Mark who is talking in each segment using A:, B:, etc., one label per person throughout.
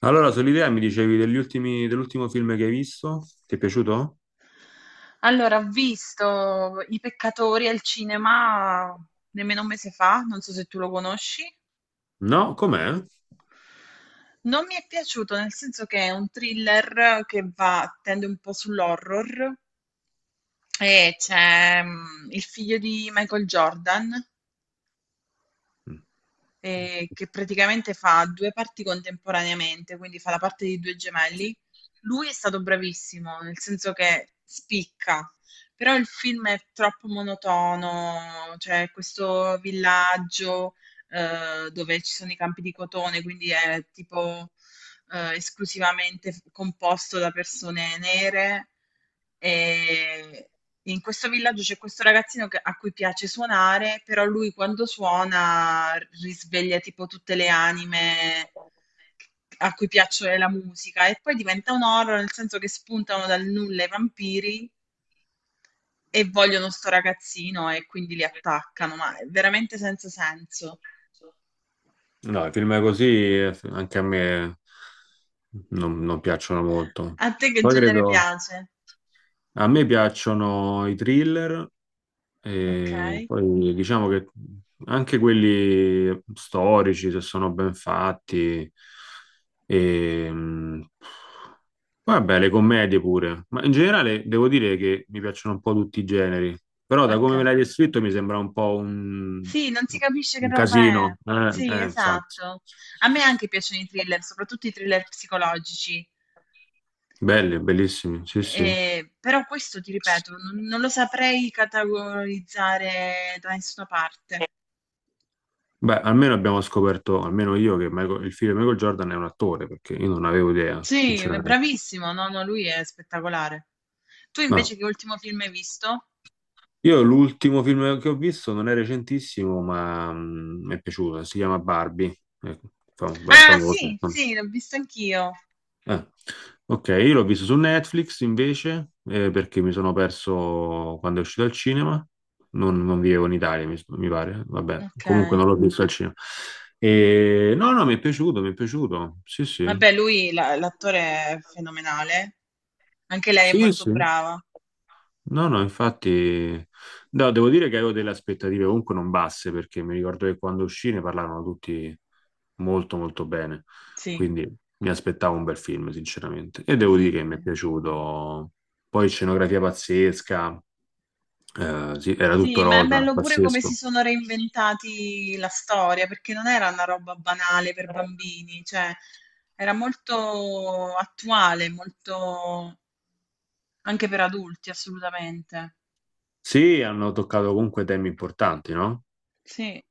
A: Allora, sull'idea mi dicevi dell'ultimo film che hai visto? Ti è piaciuto?
B: Allora, ho visto I Peccatori al cinema nemmeno un mese fa, non so se tu lo conosci.
A: No? Com'è?
B: Non mi è piaciuto, nel senso che è un thriller che va, tende un po' sull'horror e c'è il figlio di Michael Jordan
A: Mm.
B: che praticamente fa due parti contemporaneamente, quindi fa la parte di due gemelli. Lui è stato bravissimo, nel senso che spicca, però il film è troppo monotono, cioè questo villaggio dove ci sono i campi di cotone, quindi è tipo esclusivamente composto da persone nere e in questo villaggio c'è questo ragazzino a cui piace suonare, però lui quando suona risveglia tipo tutte le anime a cui piace la musica e poi diventa un horror nel senso che spuntano dal nulla i vampiri e vogliono sto ragazzino e quindi li attaccano, ma è veramente senza senso.
A: No, i film così anche a me non piacciono molto.
B: A te che
A: Poi
B: genere
A: credo,
B: piace?
A: a me piacciono i thriller.
B: Ok,
A: E poi diciamo che anche quelli storici, se sono ben fatti, e, vabbè, le commedie pure, ma in generale devo dire che mi piacciono un po' tutti i generi, però da
B: ok.
A: come me l'hai descritto mi sembra un po'
B: Sì, non si capisce che
A: un
B: roba è.
A: casino,
B: Sì,
A: infatti.
B: esatto. A me anche piacciono i thriller, soprattutto i thriller psicologici.
A: Belli, bellissimi, sì, sì.
B: Però questo ti ripeto, non lo saprei categorizzare da nessuna parte.
A: Beh, almeno abbiamo scoperto, almeno io, che il figlio di Michael Jordan è un attore, perché io non avevo idea,
B: Sì, è
A: sinceramente.
B: bravissimo, no, no, lui è spettacolare. Tu
A: Ah.
B: invece che ultimo film hai visto?
A: Io l'ultimo film che ho visto non è recentissimo, ma mi è piaciuto, si chiama Barbie. Ecco,
B: Ah,
A: famoso.
B: sì, sì, l'ho visto anch'io.
A: Ah, ok, io l'ho visto su Netflix invece, perché mi sono perso quando è uscito al cinema. Non vivevo in Italia, mi pare. Vabbè,
B: Ok.
A: comunque non l'ho visto al cinema. E, no, no, mi è piaciuto, mi è piaciuto. Sì, sì.
B: Vabbè, lui, l'attore è fenomenale. Anche lei è
A: Sì,
B: molto
A: sì.
B: brava.
A: No, no, infatti, no, devo dire che avevo delle aspettative comunque non basse perché mi ricordo che quando uscì ne parlavano tutti molto molto bene,
B: Sì,
A: quindi mi aspettavo un bel film, sinceramente, e devo dire
B: sì,
A: che mi
B: sì.
A: è piaciuto. Poi scenografia pazzesca, sì, era
B: Sì,
A: tutto
B: ma è
A: rosa,
B: bello pure come si
A: pazzesco.
B: sono reinventati la storia, perché non era una roba banale per bambini, cioè era molto attuale, molto anche per adulti, assolutamente.
A: Sì, hanno toccato comunque temi importanti, no?
B: Sì,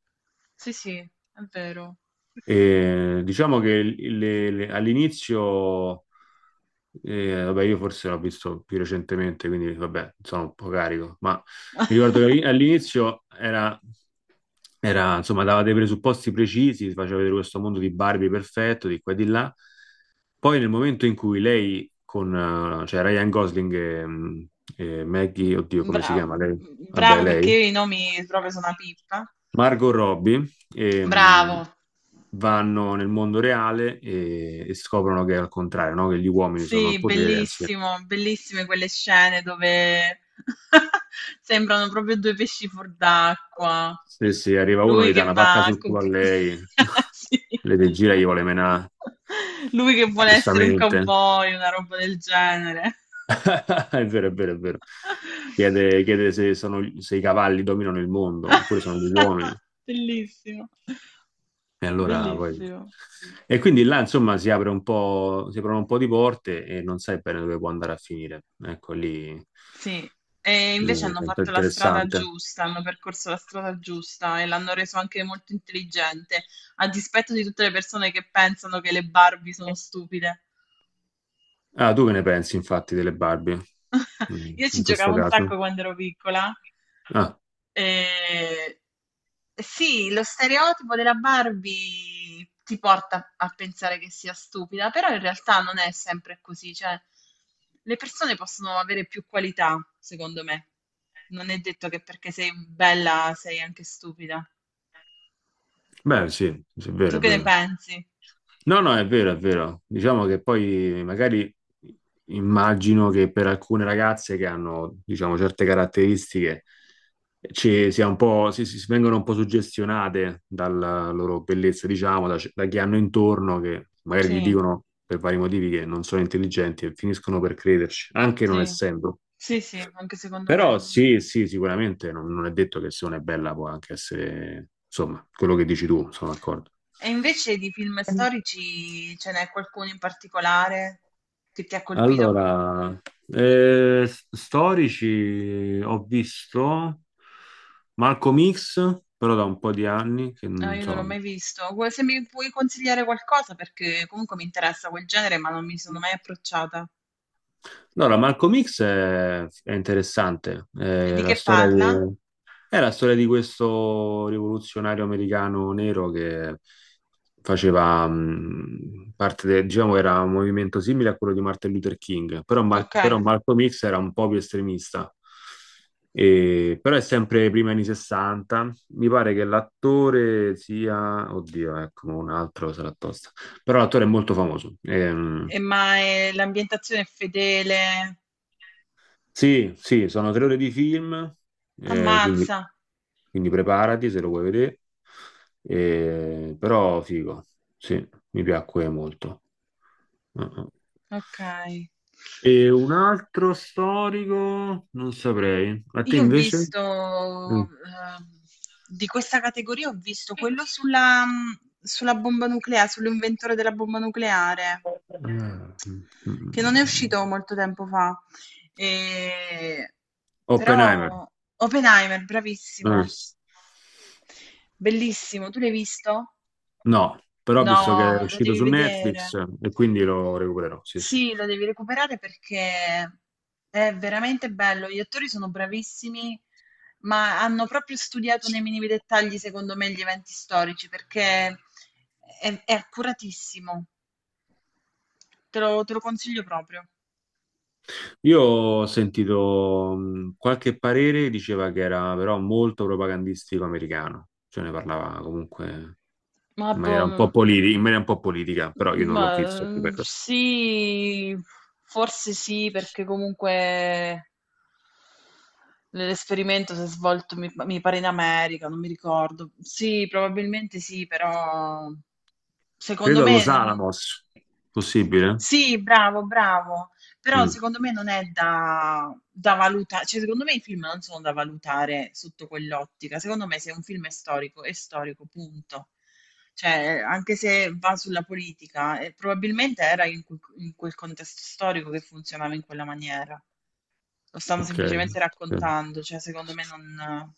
B: sì, sì, è vero.
A: E diciamo che all'inizio, vabbè, io forse l'ho visto più recentemente, quindi vabbè, sono un po' carico, ma mi ricordo che all'inizio era, insomma, dava dei presupposti precisi, ti faceva vedere questo mondo di Barbie perfetto, di qua e di là. Poi nel momento in cui cioè Ryan Gosling e, e Maggie, oddio, come si
B: Bravo,
A: chiama lei? Vabbè,
B: bravo perché
A: lei.
B: io i nomi proprio sono una pippa.
A: Margot Robbie
B: Bravo,
A: ehm, vanno nel mondo reale e scoprono che è al contrario, no? Che gli uomini sono al
B: sì,
A: potere, anzi,
B: bellissimo, bellissime quelle scene dove sembrano proprio due pesci fuor d'acqua.
A: se arriva uno
B: Lui
A: gli dà
B: che
A: una pacca
B: va a
A: sul culo
B: comp-
A: a lei,
B: Sì.
A: le degira e gli vuole menare,
B: Lui che vuole essere un
A: giustamente.
B: cowboy, una roba del genere.
A: È vero, è vero, è vero. Chiede se, se i cavalli dominano il mondo oppure sono gli uomini.
B: Bellissimo,
A: E allora poi...
B: bellissimo.
A: E quindi là, insomma, si aprono un po' di porte e non sai bene dove può andare a finire. Ecco,
B: Sì, e
A: lì è
B: invece
A: un
B: hanno
A: po'
B: fatto la strada
A: interessante.
B: giusta, hanno percorso la strada giusta e l'hanno reso anche molto intelligente, a dispetto di tutte le persone che pensano che le Barbie sono stupide.
A: Ah, tu che ne pensi, infatti, delle Barbie, mm,
B: Io ci
A: in
B: giocavo
A: questo
B: un
A: caso?
B: sacco quando ero piccola.
A: Ah,
B: Eh, sì, lo stereotipo della Barbie ti porta a pensare che sia stupida, però in realtà non è sempre così, cioè le persone possono avere più qualità, secondo me. Non è detto che perché sei bella sei anche stupida.
A: beh, sì, sì, è
B: Tu
A: vero, è
B: che ne
A: vero.
B: pensi?
A: No, no, è vero, è vero. Diciamo che poi magari immagino che per alcune ragazze che hanno, diciamo, certe caratteristiche ci sia un po', si vengono un po' suggestionate dalla loro bellezza, diciamo, da chi hanno intorno, che magari gli
B: Sì,
A: dicono per vari motivi che non sono intelligenti e finiscono per crederci, anche non
B: sì,
A: essendo.
B: sì, sì, anche secondo me.
A: Però sì, sì, sicuramente non è detto che se una è bella può anche essere, insomma, quello che dici tu, sono d'accordo.
B: E invece di film storici ce n'è qualcuno in particolare che ti ha colpito?
A: Allora, storici ho visto Malcolm X, però da un po' di anni che
B: Ah,
A: non
B: io non l'ho
A: so.
B: mai visto. Se mi puoi consigliare qualcosa, perché comunque mi interessa quel genere, ma non mi sono mai approcciata.
A: Allora, Malcolm X è interessante,
B: E di che parla?
A: è la storia di questo rivoluzionario americano nero che faceva parte del, diciamo, era un movimento simile a quello di Martin Luther King, però,
B: Ok.
A: Malcolm X era un po' più estremista. Però è sempre prima anni 60. Mi pare che l'attore sia, oddio, ecco, un altro sarà tosta. Però l'attore è molto famoso.
B: E ma l'ambientazione è fedele?
A: Sì, sì, sono tre ore di film, quindi.
B: Ammazza.
A: Quindi preparati se lo vuoi vedere. Però figo, sì, mi piacque molto. Uh-uh.
B: Ok.
A: E un altro storico, non saprei. A te
B: Io ho
A: invece?
B: visto,
A: Mm.
B: di questa categoria ho visto quello sulla mhmm, sulla bomba nuclea sull'inventore della bomba nucleare
A: Ah, mm,
B: che non è
A: mm.
B: uscito molto tempo fa. Ehm,
A: Oppenheimer.
B: però Oppenheimer,
A: Mm.
B: bravissimo, bellissimo. Tu l'hai visto?
A: No, però ho
B: No,
A: visto che è
B: no, no. Lo
A: uscito
B: devi
A: su
B: vedere.
A: Netflix e quindi lo recupererò, sì, sì.
B: Sì, lo devi recuperare perché è veramente bello. Gli attori sono bravissimi, ma hanno proprio studiato nei minimi dettagli, secondo me, gli eventi storici perché è accuratissimo. Te lo consiglio proprio.
A: Io ho sentito qualche parere, diceva che era però molto propagandistico americano, cioè ne parlava comunque
B: Ma,
A: in
B: boh,
A: maniera un po'
B: m-
A: in maniera un po' politica, però io non l'ho
B: ma,
A: visto. Ti prego.
B: sì, forse sì, perché comunque l'esperimento si è svolto, mi pare, in America, non mi ricordo. Sì, probabilmente sì, però secondo
A: Credo allo
B: me.
A: Salamos, possibile?
B: Sì, bravo, bravo. Però
A: Mm,
B: secondo me non è da valutare, cioè secondo me i film non sono da valutare sotto quell'ottica. Secondo me se un film è storico, punto. Cioè, anche se va sulla politica, probabilmente era in quel contesto storico che funzionava in quella maniera. Lo stanno
A: ok.
B: semplicemente raccontando, cioè secondo me non,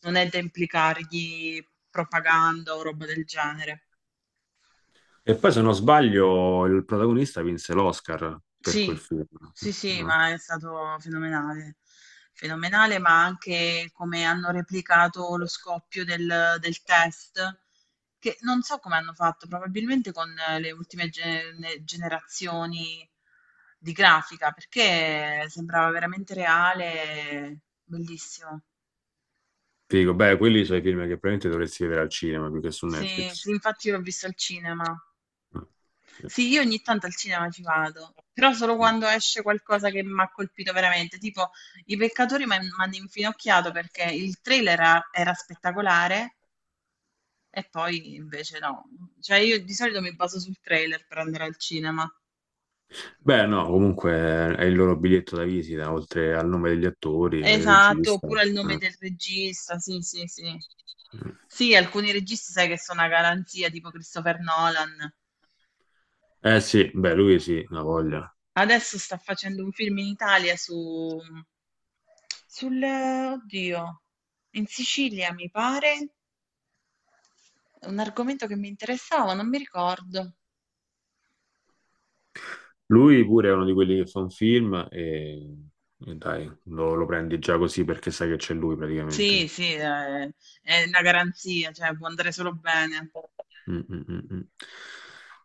B: non è da implicargli propaganda o roba del genere.
A: E poi se non sbaglio il protagonista vinse l'Oscar per quel
B: Sì,
A: film,
B: sì, sì,
A: no?
B: ma è stato fenomenale. Fenomenale, ma anche come hanno replicato lo scoppio del test, che non so come hanno fatto, probabilmente con le ultime generazioni di grafica, perché sembrava veramente reale, bellissimo.
A: Figo, beh, quelli sono i film che probabilmente dovresti vedere al cinema più che su
B: Sì,
A: Netflix.
B: sì, infatti l'ho visto al cinema.
A: Mm, sì.
B: Sì, io ogni tanto al cinema ci vado, però solo
A: Mm.
B: quando esce qualcosa che mi ha colpito veramente, tipo I Peccatori mi hanno infinocchiato perché il trailer era spettacolare e poi invece no. Cioè io di solito mi baso sul trailer per andare al cinema.
A: Beh, no, comunque è il loro biglietto da visita, oltre al nome degli attori, il
B: Esatto,
A: regista.
B: oppure il nome
A: Eh,
B: del regista, sì, sì, sì. Sì, alcuni registi sai che sono una garanzia, tipo Christopher Nolan.
A: Eh, sì, beh, lui sì, una voglia.
B: Adesso sta facendo un film in Italia, oddio, in Sicilia mi pare, un argomento che mi interessava, non mi ricordo.
A: Lui pure è uno di quelli che fa un film e dai, lo prendi già così perché sai che c'è lui
B: Sì,
A: praticamente.
B: sì, è una garanzia, cioè può andare solo bene.
A: Mm, mm, mm, mm.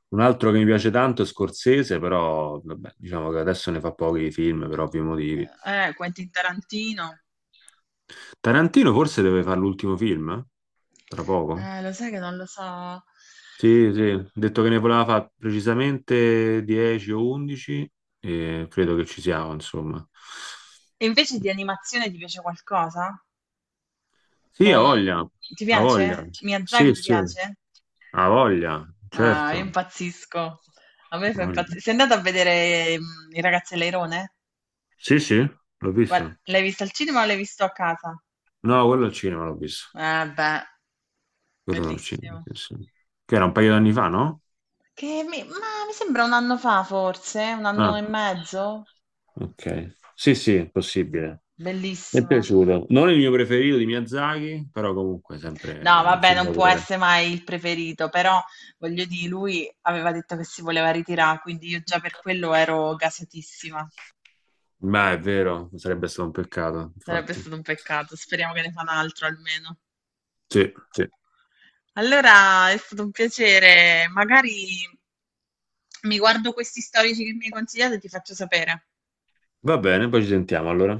A: Un altro che mi piace tanto è Scorsese, però vabbè, diciamo che adesso ne fa pochi di film per ovvi motivi.
B: Quentin Tarantino,
A: Tarantino forse deve fare l'ultimo film, eh? Tra poco.
B: lo sai che non lo so.
A: Sì, sì, ha detto che ne voleva fare precisamente 10 o 11 e credo che ci siamo, insomma.
B: E invece di animazione ti piace qualcosa? O
A: Sì, ha
B: non...
A: voglia,
B: Ti
A: ha
B: piace?
A: voglia.
B: Miyazaki
A: Sì,
B: ti
A: sì,
B: piace?
A: ha voglia,
B: Ah, io
A: certo.
B: impazzisco. A me
A: Ha
B: fa
A: voglia.
B: impazzire. Sei andata a vedere i ragazzi all'Airone?
A: Sì, sì, l'ho
B: Guarda,
A: visto.
B: l'hai visto al cinema o l'hai visto a casa?
A: No, quello al cinema l'ho visto.
B: Eh beh,
A: Quello al cinema,
B: bellissimo.
A: sì, sì. Che era un paio d'anni fa, no?
B: Ma mi sembra un anno fa forse, un
A: Ah,
B: anno e mezzo.
A: ok. Sì, sì, è
B: Mm.
A: possibile. Mi è
B: Bellissimo.
A: piaciuto. Non il mio preferito di Miyazaki, però comunque sempre
B: No,
A: un
B: vabbè,
A: film
B: non può
A: d'autore.
B: essere mai il preferito, però voglio dire, lui aveva detto che si voleva ritirare, quindi io già per quello ero gasatissima.
A: Ma è vero, sarebbe stato un peccato,
B: Sarebbe
A: infatti.
B: stato un peccato. Speriamo che ne fa un altro almeno.
A: Sì, sì.
B: Allora è stato un piacere. Magari mi guardo questi storici che mi hai consigliato e ti faccio sapere.
A: Va bene, poi ci sentiamo allora.